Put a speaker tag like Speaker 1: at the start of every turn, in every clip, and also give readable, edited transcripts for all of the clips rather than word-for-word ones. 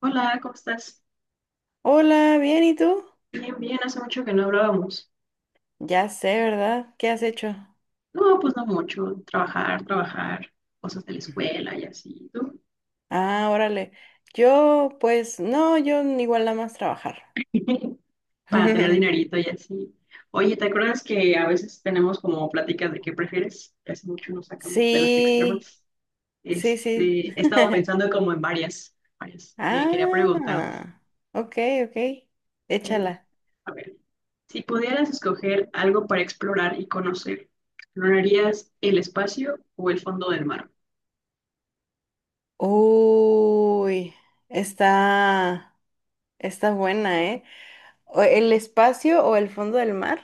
Speaker 1: Hola, ¿cómo estás?
Speaker 2: Hola, bien, ¿y tú?
Speaker 1: Bien, bien, hace mucho que no hablábamos.
Speaker 2: Ya sé, ¿verdad? ¿Qué has hecho?
Speaker 1: No, pues no mucho. Trabajar, trabajar, cosas de la escuela y así, ¿tú?
Speaker 2: Ah, órale. Yo, pues, no, yo igual nada más trabajar.
Speaker 1: Para tener dinerito y así. Oye, ¿te acuerdas que a veces tenemos como pláticas de qué prefieres? Hace mucho nos sacamos de las
Speaker 2: Sí,
Speaker 1: extremas.
Speaker 2: sí, sí.
Speaker 1: He estado pensando como en varias que quería preguntarte.
Speaker 2: Ah, ok, ok.
Speaker 1: Eh,
Speaker 2: Échala.
Speaker 1: a ver, si pudieras escoger algo para explorar y conocer, ¿explorarías el espacio o el fondo del mar?
Speaker 2: Uy, está, está buena, ¿eh? ¿El espacio o el fondo del mar?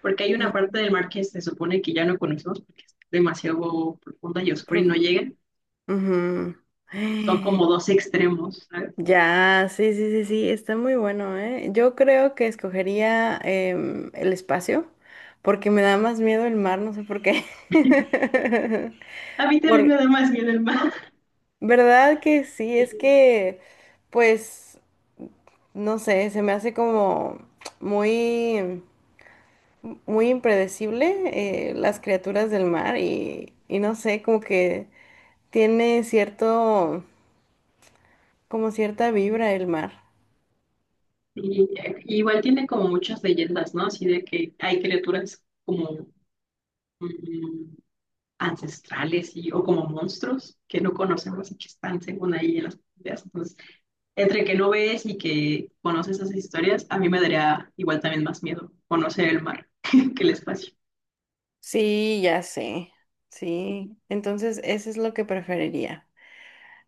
Speaker 1: Porque hay una parte del mar que se supone que ya no conocemos porque es demasiado profunda y oscura y no
Speaker 2: Profundo.
Speaker 1: llega.
Speaker 2: profu-
Speaker 1: Son como dos extremos, ¿sabes?
Speaker 2: Ya, sí, sí, sí, sí, está muy bueno, ¿eh? Yo creo que escogería el espacio, porque me da más miedo el mar, no sé por qué.
Speaker 1: A mí también
Speaker 2: Por,
Speaker 1: me da más miedo el mar.
Speaker 2: ¿verdad que sí?
Speaker 1: Y,
Speaker 2: Es que, pues, no sé, se me hace como muy, muy impredecible las criaturas del mar y no sé, como que tiene cierto, como cierta vibra el mar.
Speaker 1: y- y igual tiene como muchas leyendas, ¿no? Así de que hay criaturas como mm, ancestrales y, o como monstruos que no conocemos y que están según ahí en las profundidades. Entonces, entre que no ves y que conoces esas historias, a mí me daría igual también más miedo conocer el mar que el espacio.
Speaker 2: Sí, ya sé. Sí. Entonces, eso es lo que preferiría.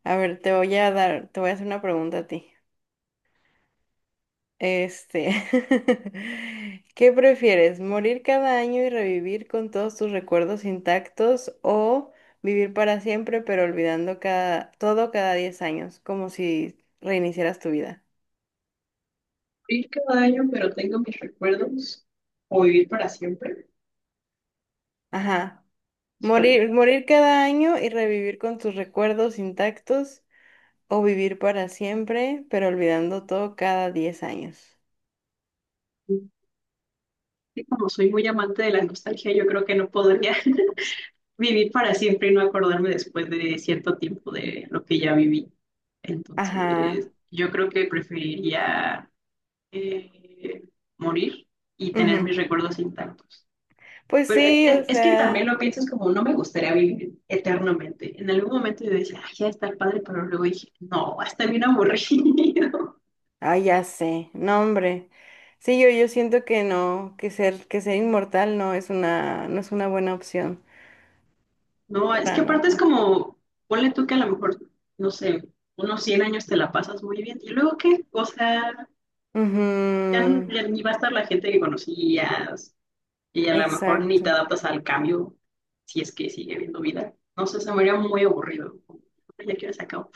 Speaker 2: A ver, te voy a hacer una pregunta a ti. Este, ¿qué prefieres? ¿Morir cada año y revivir con todos tus recuerdos intactos o vivir para siempre pero olvidando todo cada 10 años, como si reiniciaras tu vida?
Speaker 1: Ir cada año, pero tengo mis recuerdos, o vivir para siempre.
Speaker 2: Ajá.
Speaker 1: Híjole,
Speaker 2: Morir, morir cada año y revivir con tus recuerdos intactos. O vivir para siempre, pero olvidando todo cada 10 años.
Speaker 1: y como soy muy amante de la nostalgia, yo creo que no podría vivir para siempre y no acordarme después de cierto tiempo de lo que ya viví. Entonces,
Speaker 2: Ajá.
Speaker 1: yo creo que preferiría eh, morir y tener
Speaker 2: Ujú.
Speaker 1: mis recuerdos intactos.
Speaker 2: Pues
Speaker 1: Pero
Speaker 2: sí,
Speaker 1: es,
Speaker 2: o
Speaker 1: es que también
Speaker 2: sea.
Speaker 1: lo piensas como, no me gustaría vivir eternamente. En algún momento yo decía, ay, ya está padre, pero luego dije, no, va a estar bien aburrido.
Speaker 2: Ah, ya sé. No, hombre. Sí, yo siento que no, que ser inmortal no es una buena opción.
Speaker 1: No, es
Speaker 2: Para
Speaker 1: que aparte es
Speaker 2: nada.
Speaker 1: como, ponle tú que a lo mejor, no sé, unos 100 años te la pasas muy bien. ¿Y luego qué? O sea, ya,
Speaker 2: Ujú,
Speaker 1: ya ni va a estar la gente que conocías y a lo mejor ni te
Speaker 2: exacto.
Speaker 1: adaptas al cambio si es que sigue habiendo vida. No sé, se me haría muy aburrido. Ya quiero se acabó.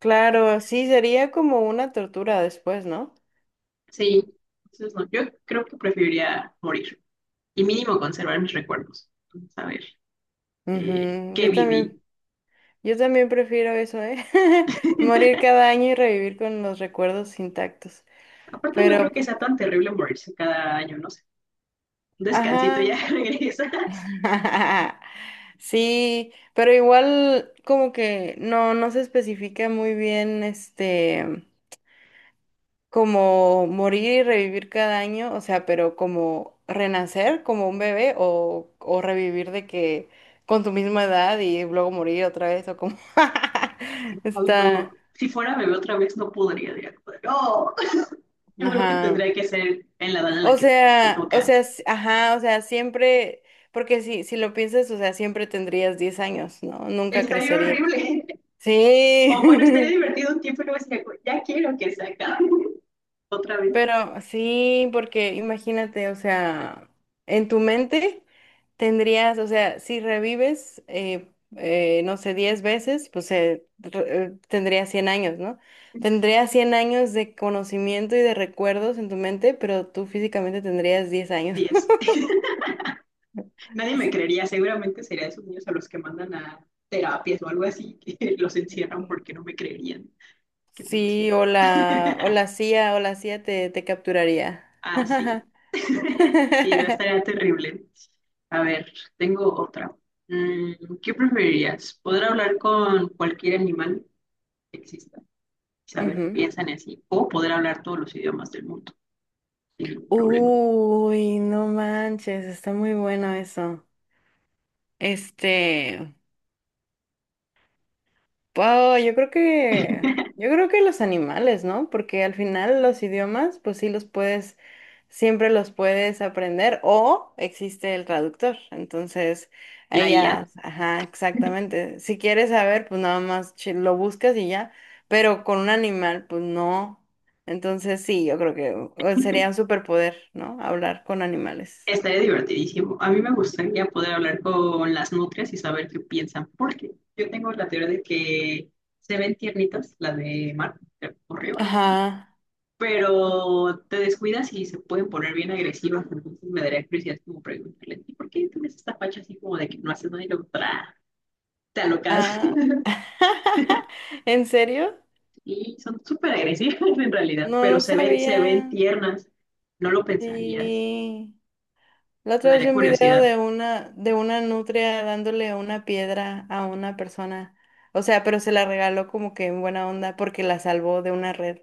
Speaker 2: Claro, sí, sería como una tortura después, ¿no?
Speaker 1: Sí, entonces no, yo creo que preferiría morir y mínimo conservar mis recuerdos. Saber
Speaker 2: Ujú,
Speaker 1: qué
Speaker 2: Yo también,
Speaker 1: viví.
Speaker 2: yo también prefiero eso, ¿eh? Morir cada año y revivir con los recuerdos intactos.
Speaker 1: Aparte no creo
Speaker 2: Pero
Speaker 1: que sea tan terrible morirse cada año, ¿no? Un descansito,
Speaker 2: Ajá.
Speaker 1: ya regresas.
Speaker 2: Sí, pero igual como que no se especifica muy bien este como morir y revivir cada año, o sea, pero como renacer como un bebé o revivir de que con tu misma edad y luego morir otra vez o como
Speaker 1: Ay, no.
Speaker 2: está,
Speaker 1: Si fuera bebé otra vez, no podría. Diría, no, yo creo que
Speaker 2: ajá.
Speaker 1: tendría que ser en la edad en la
Speaker 2: O
Speaker 1: que te
Speaker 2: sea, o
Speaker 1: toca.
Speaker 2: sea, ajá, o sea, siempre, porque si lo piensas, o sea, siempre tendrías 10 años, ¿no? Nunca
Speaker 1: Estaría
Speaker 2: crecerías.
Speaker 1: horrible.
Speaker 2: Sí,
Speaker 1: O bueno, estaría divertido un tiempo y luego decía, ya quiero que se acabe. Otra vez,
Speaker 2: pero sí, porque imagínate, o sea, en tu mente tendrías, o sea, si revives, no sé, 10 veces, pues tendrías 100 años, ¿no? Tendrías 100 años de conocimiento y de recuerdos en tu mente, pero tú físicamente tendrías 10 años.
Speaker 1: 10 nadie me creería. Seguramente sería esos niños a los que mandan a terapias o algo así, que los encierran porque no me creerían que tengo 100
Speaker 2: Sí,
Speaker 1: años.
Speaker 2: o la, o la CIA, o la CIA te capturaría.
Speaker 1: Ah, sí. Sí, no estaría terrible. A ver, tengo otra. ¿Qué preferirías? ¿Poder hablar con cualquier animal que exista? Saber qué
Speaker 2: Ujú.
Speaker 1: piensan y así. O poder hablar todos los idiomas del mundo sin ningún problema.
Speaker 2: Uy, no manches, está muy bueno eso. Este, wow, yo creo que, yo creo que los animales, ¿no? Porque al final los idiomas, pues sí los puedes, siempre los puedes aprender o existe el traductor. Entonces,
Speaker 1: La
Speaker 2: ahí
Speaker 1: IA
Speaker 2: ya, ajá, exactamente. Si quieres saber, pues nada más lo buscas y ya. Pero con un animal, pues no. Entonces sí, yo creo que sería un superpoder, ¿no? Hablar con animales.
Speaker 1: estaría divertidísimo. A mí me gustaría poder hablar con las nutrias y saber qué piensan. Porque yo tengo la teoría de que se ven tiernitas, la de Mar, creo, o Río, ¿no?
Speaker 2: Ajá.
Speaker 1: Pero te descuidas y se pueden poner bien agresivas, entonces me daría curiosidad como preguntarle, ¿y por qué tienes esta facha así como de que no haces nada y luego te alocas?
Speaker 2: Ah, ¿en serio?
Speaker 1: Y son súper agresivas en realidad,
Speaker 2: No,
Speaker 1: pero
Speaker 2: no
Speaker 1: se ven
Speaker 2: sabía.
Speaker 1: tiernas, no lo pensarías,
Speaker 2: Sí. La
Speaker 1: me
Speaker 2: otra vez
Speaker 1: daría
Speaker 2: vi un video
Speaker 1: curiosidad.
Speaker 2: de una nutria dándole una piedra a una persona. O sea, pero se la regaló como que en buena onda porque la salvó de una red.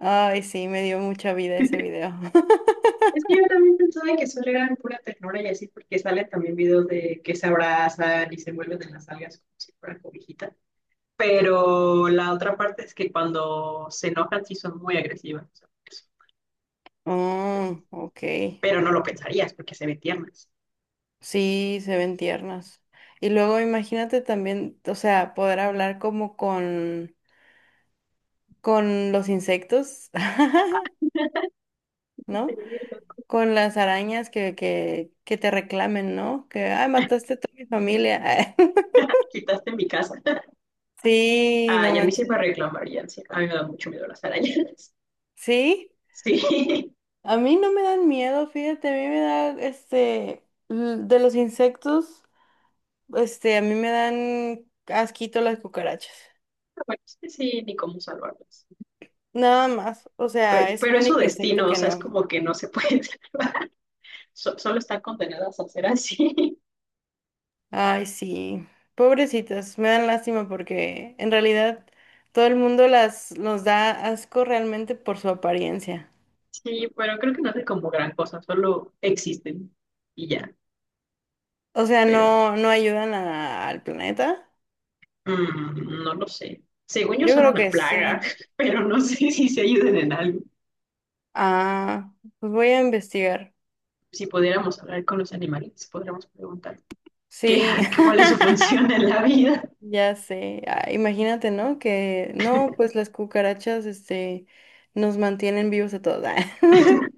Speaker 2: Ay, sí, me dio mucha vida ese video.
Speaker 1: Es que yo también pensaba que solo eran pura ternura y así, porque salen también videos de que se abrazan y se envuelven en las algas como si fueran cobijita. Pero la otra parte es que cuando se enojan sí son muy agresivas. O sea,
Speaker 2: Oh, ok.
Speaker 1: pero no lo pensarías porque se ve tiernas.
Speaker 2: Sí, se ven tiernas. Y luego imagínate también, o sea, poder hablar como con los insectos, ¿no? Con las arañas que te reclamen, ¿no? Que, ay, mataste a toda mi familia.
Speaker 1: Quitaste en mi casa.
Speaker 2: Sí,
Speaker 1: Ah,
Speaker 2: no
Speaker 1: y a mí sí
Speaker 2: manches.
Speaker 1: me reclamarían, sí. A mí me da mucho miedo las arañas.
Speaker 2: Sí,
Speaker 1: Sí.
Speaker 2: a mí no me dan miedo, fíjate, a mí me da, este, de los insectos, este, a mí me dan asquito las cucarachas.
Speaker 1: Bueno, es que sí, ni cómo salvarlas.
Speaker 2: Nada más, o sea, es el
Speaker 1: Pero es su
Speaker 2: único insecto
Speaker 1: destino, o
Speaker 2: que
Speaker 1: sea, es
Speaker 2: no.
Speaker 1: como que no se puede salvar. Solo están condenadas a ser así.
Speaker 2: Ay, sí, pobrecitas, me dan lástima porque en realidad todo el mundo los da asco realmente por su apariencia.
Speaker 1: Sí, pero creo que no hace como gran cosa, solo existen y ya.
Speaker 2: O sea,
Speaker 1: Pero
Speaker 2: no ayudan al planeta.
Speaker 1: mm, no lo sé. Según yo
Speaker 2: Yo
Speaker 1: son
Speaker 2: creo
Speaker 1: una
Speaker 2: que
Speaker 1: plaga,
Speaker 2: sí.
Speaker 1: pero no sé si se ayuden en algo.
Speaker 2: Ah, pues voy a investigar.
Speaker 1: Si pudiéramos hablar con los animales, podríamos preguntar qué,
Speaker 2: Sí.
Speaker 1: cuál es su función en la vida.
Speaker 2: Ya sé. Ah, imagínate, ¿no? Que no, pues las cucarachas, este, nos mantienen vivos a todos. Ah,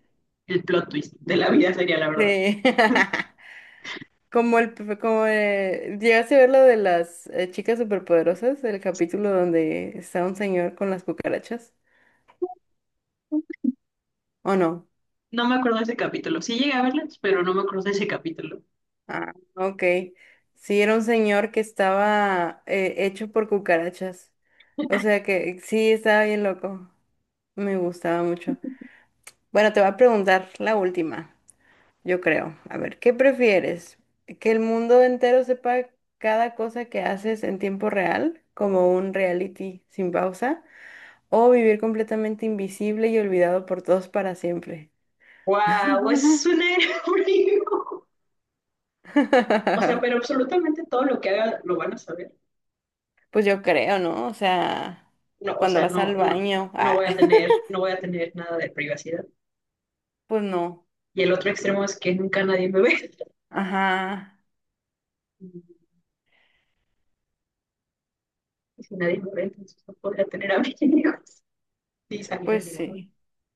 Speaker 1: El plot twist de la vida sería la verdad.
Speaker 2: Sí. Como llegaste a ver lo de las chicas superpoderosas, el capítulo donde está un señor con las cucarachas, ¿o no?
Speaker 1: No me acuerdo de ese capítulo. Sí llegué a verlas, pero no me acuerdo de ese capítulo.
Speaker 2: Ah, ok. Sí, era un señor que estaba hecho por cucarachas. O sea que sí, estaba bien loco. Me gustaba mucho. Bueno, te voy a preguntar la última, yo creo. A ver, ¿qué prefieres? ¿Que el mundo entero sepa cada cosa que haces en tiempo real, como un reality sin pausa? ¿O vivir completamente invisible y olvidado por todos para siempre?
Speaker 1: ¡Wow! Es un aerobrío. O sea, pero absolutamente todo lo que haga lo van a saber.
Speaker 2: Pues yo creo, ¿no? O sea,
Speaker 1: No, o
Speaker 2: cuando
Speaker 1: sea,
Speaker 2: vas al
Speaker 1: no, no,
Speaker 2: baño,
Speaker 1: no
Speaker 2: ah,
Speaker 1: voy a tener, no voy a tener nada de privacidad.
Speaker 2: pues no.
Speaker 1: Y el otro extremo es que nunca nadie me ve.
Speaker 2: Ajá,
Speaker 1: Y si nadie me ve, entonces no podría tener amigos. Sí, salir de
Speaker 2: pues
Speaker 1: ningún.
Speaker 2: sí,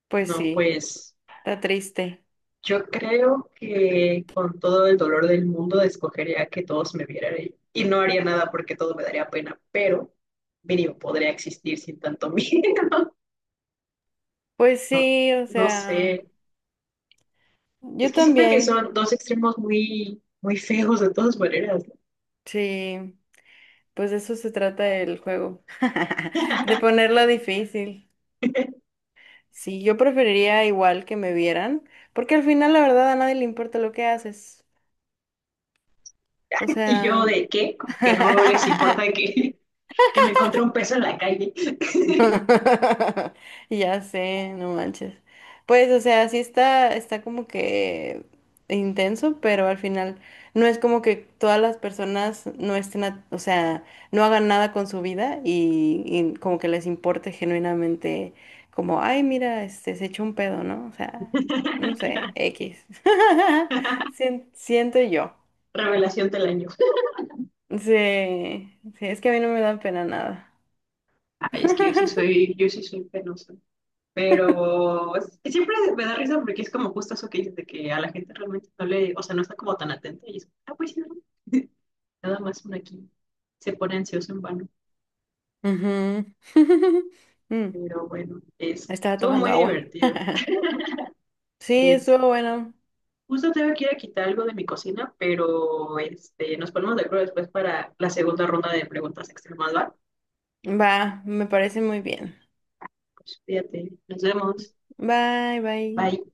Speaker 2: pues
Speaker 1: No,
Speaker 2: sí,
Speaker 1: pues
Speaker 2: está triste.
Speaker 1: yo creo que con todo el dolor del mundo escogería que todos me vieran y no haría nada porque todo me daría pena, pero mínimo podría existir sin tanto miedo.
Speaker 2: Pues
Speaker 1: No,
Speaker 2: sí, o
Speaker 1: no sé.
Speaker 2: sea,
Speaker 1: Es
Speaker 2: yo
Speaker 1: que siento que
Speaker 2: también,
Speaker 1: son dos extremos muy, muy feos de todas maneras, ¿no?
Speaker 2: sí, pues de eso se trata el juego, de ponerlo difícil. Sí, yo preferiría igual que me vieran, porque al final la verdad a nadie le importa lo que haces. O
Speaker 1: Y yo
Speaker 2: sea...
Speaker 1: de qué, como que no les importa que, que me encontré un peso en la calle.
Speaker 2: Ya sé, no manches. Pues, o sea, sí está como que intenso, pero al final no es como que todas las personas no estén, o sea, no hagan nada con su vida y como que les importe genuinamente, como, ay, mira, este, se echó un pedo, ¿no? O sea, no sé, X. Siento yo.
Speaker 1: Revelación del año.
Speaker 2: Sí, sí, es que a mí no me da pena nada.
Speaker 1: Ay, es que yo sí soy, yo sí soy penosa. Pero siempre me da risa porque es como justo eso que dices de que a la gente realmente no le, o sea, no está como tan atenta y es, ah, pues sí, ¿no? Nada más uno aquí se pone ansioso en vano.
Speaker 2: Ujú. Mm.
Speaker 1: Pero bueno,
Speaker 2: Estaba
Speaker 1: estuvo
Speaker 2: tomando
Speaker 1: muy
Speaker 2: agua.
Speaker 1: divertido.
Speaker 2: Sí,
Speaker 1: Es,
Speaker 2: estuvo bueno.
Speaker 1: Justo tengo que ir a quitar algo de mi cocina, pero nos ponemos de acuerdo después para la segunda ronda de preguntas extremas, ¿va?
Speaker 2: Va, me parece muy bien.
Speaker 1: Pues fíjate, nos vemos.
Speaker 2: Bye, bye.
Speaker 1: Bye.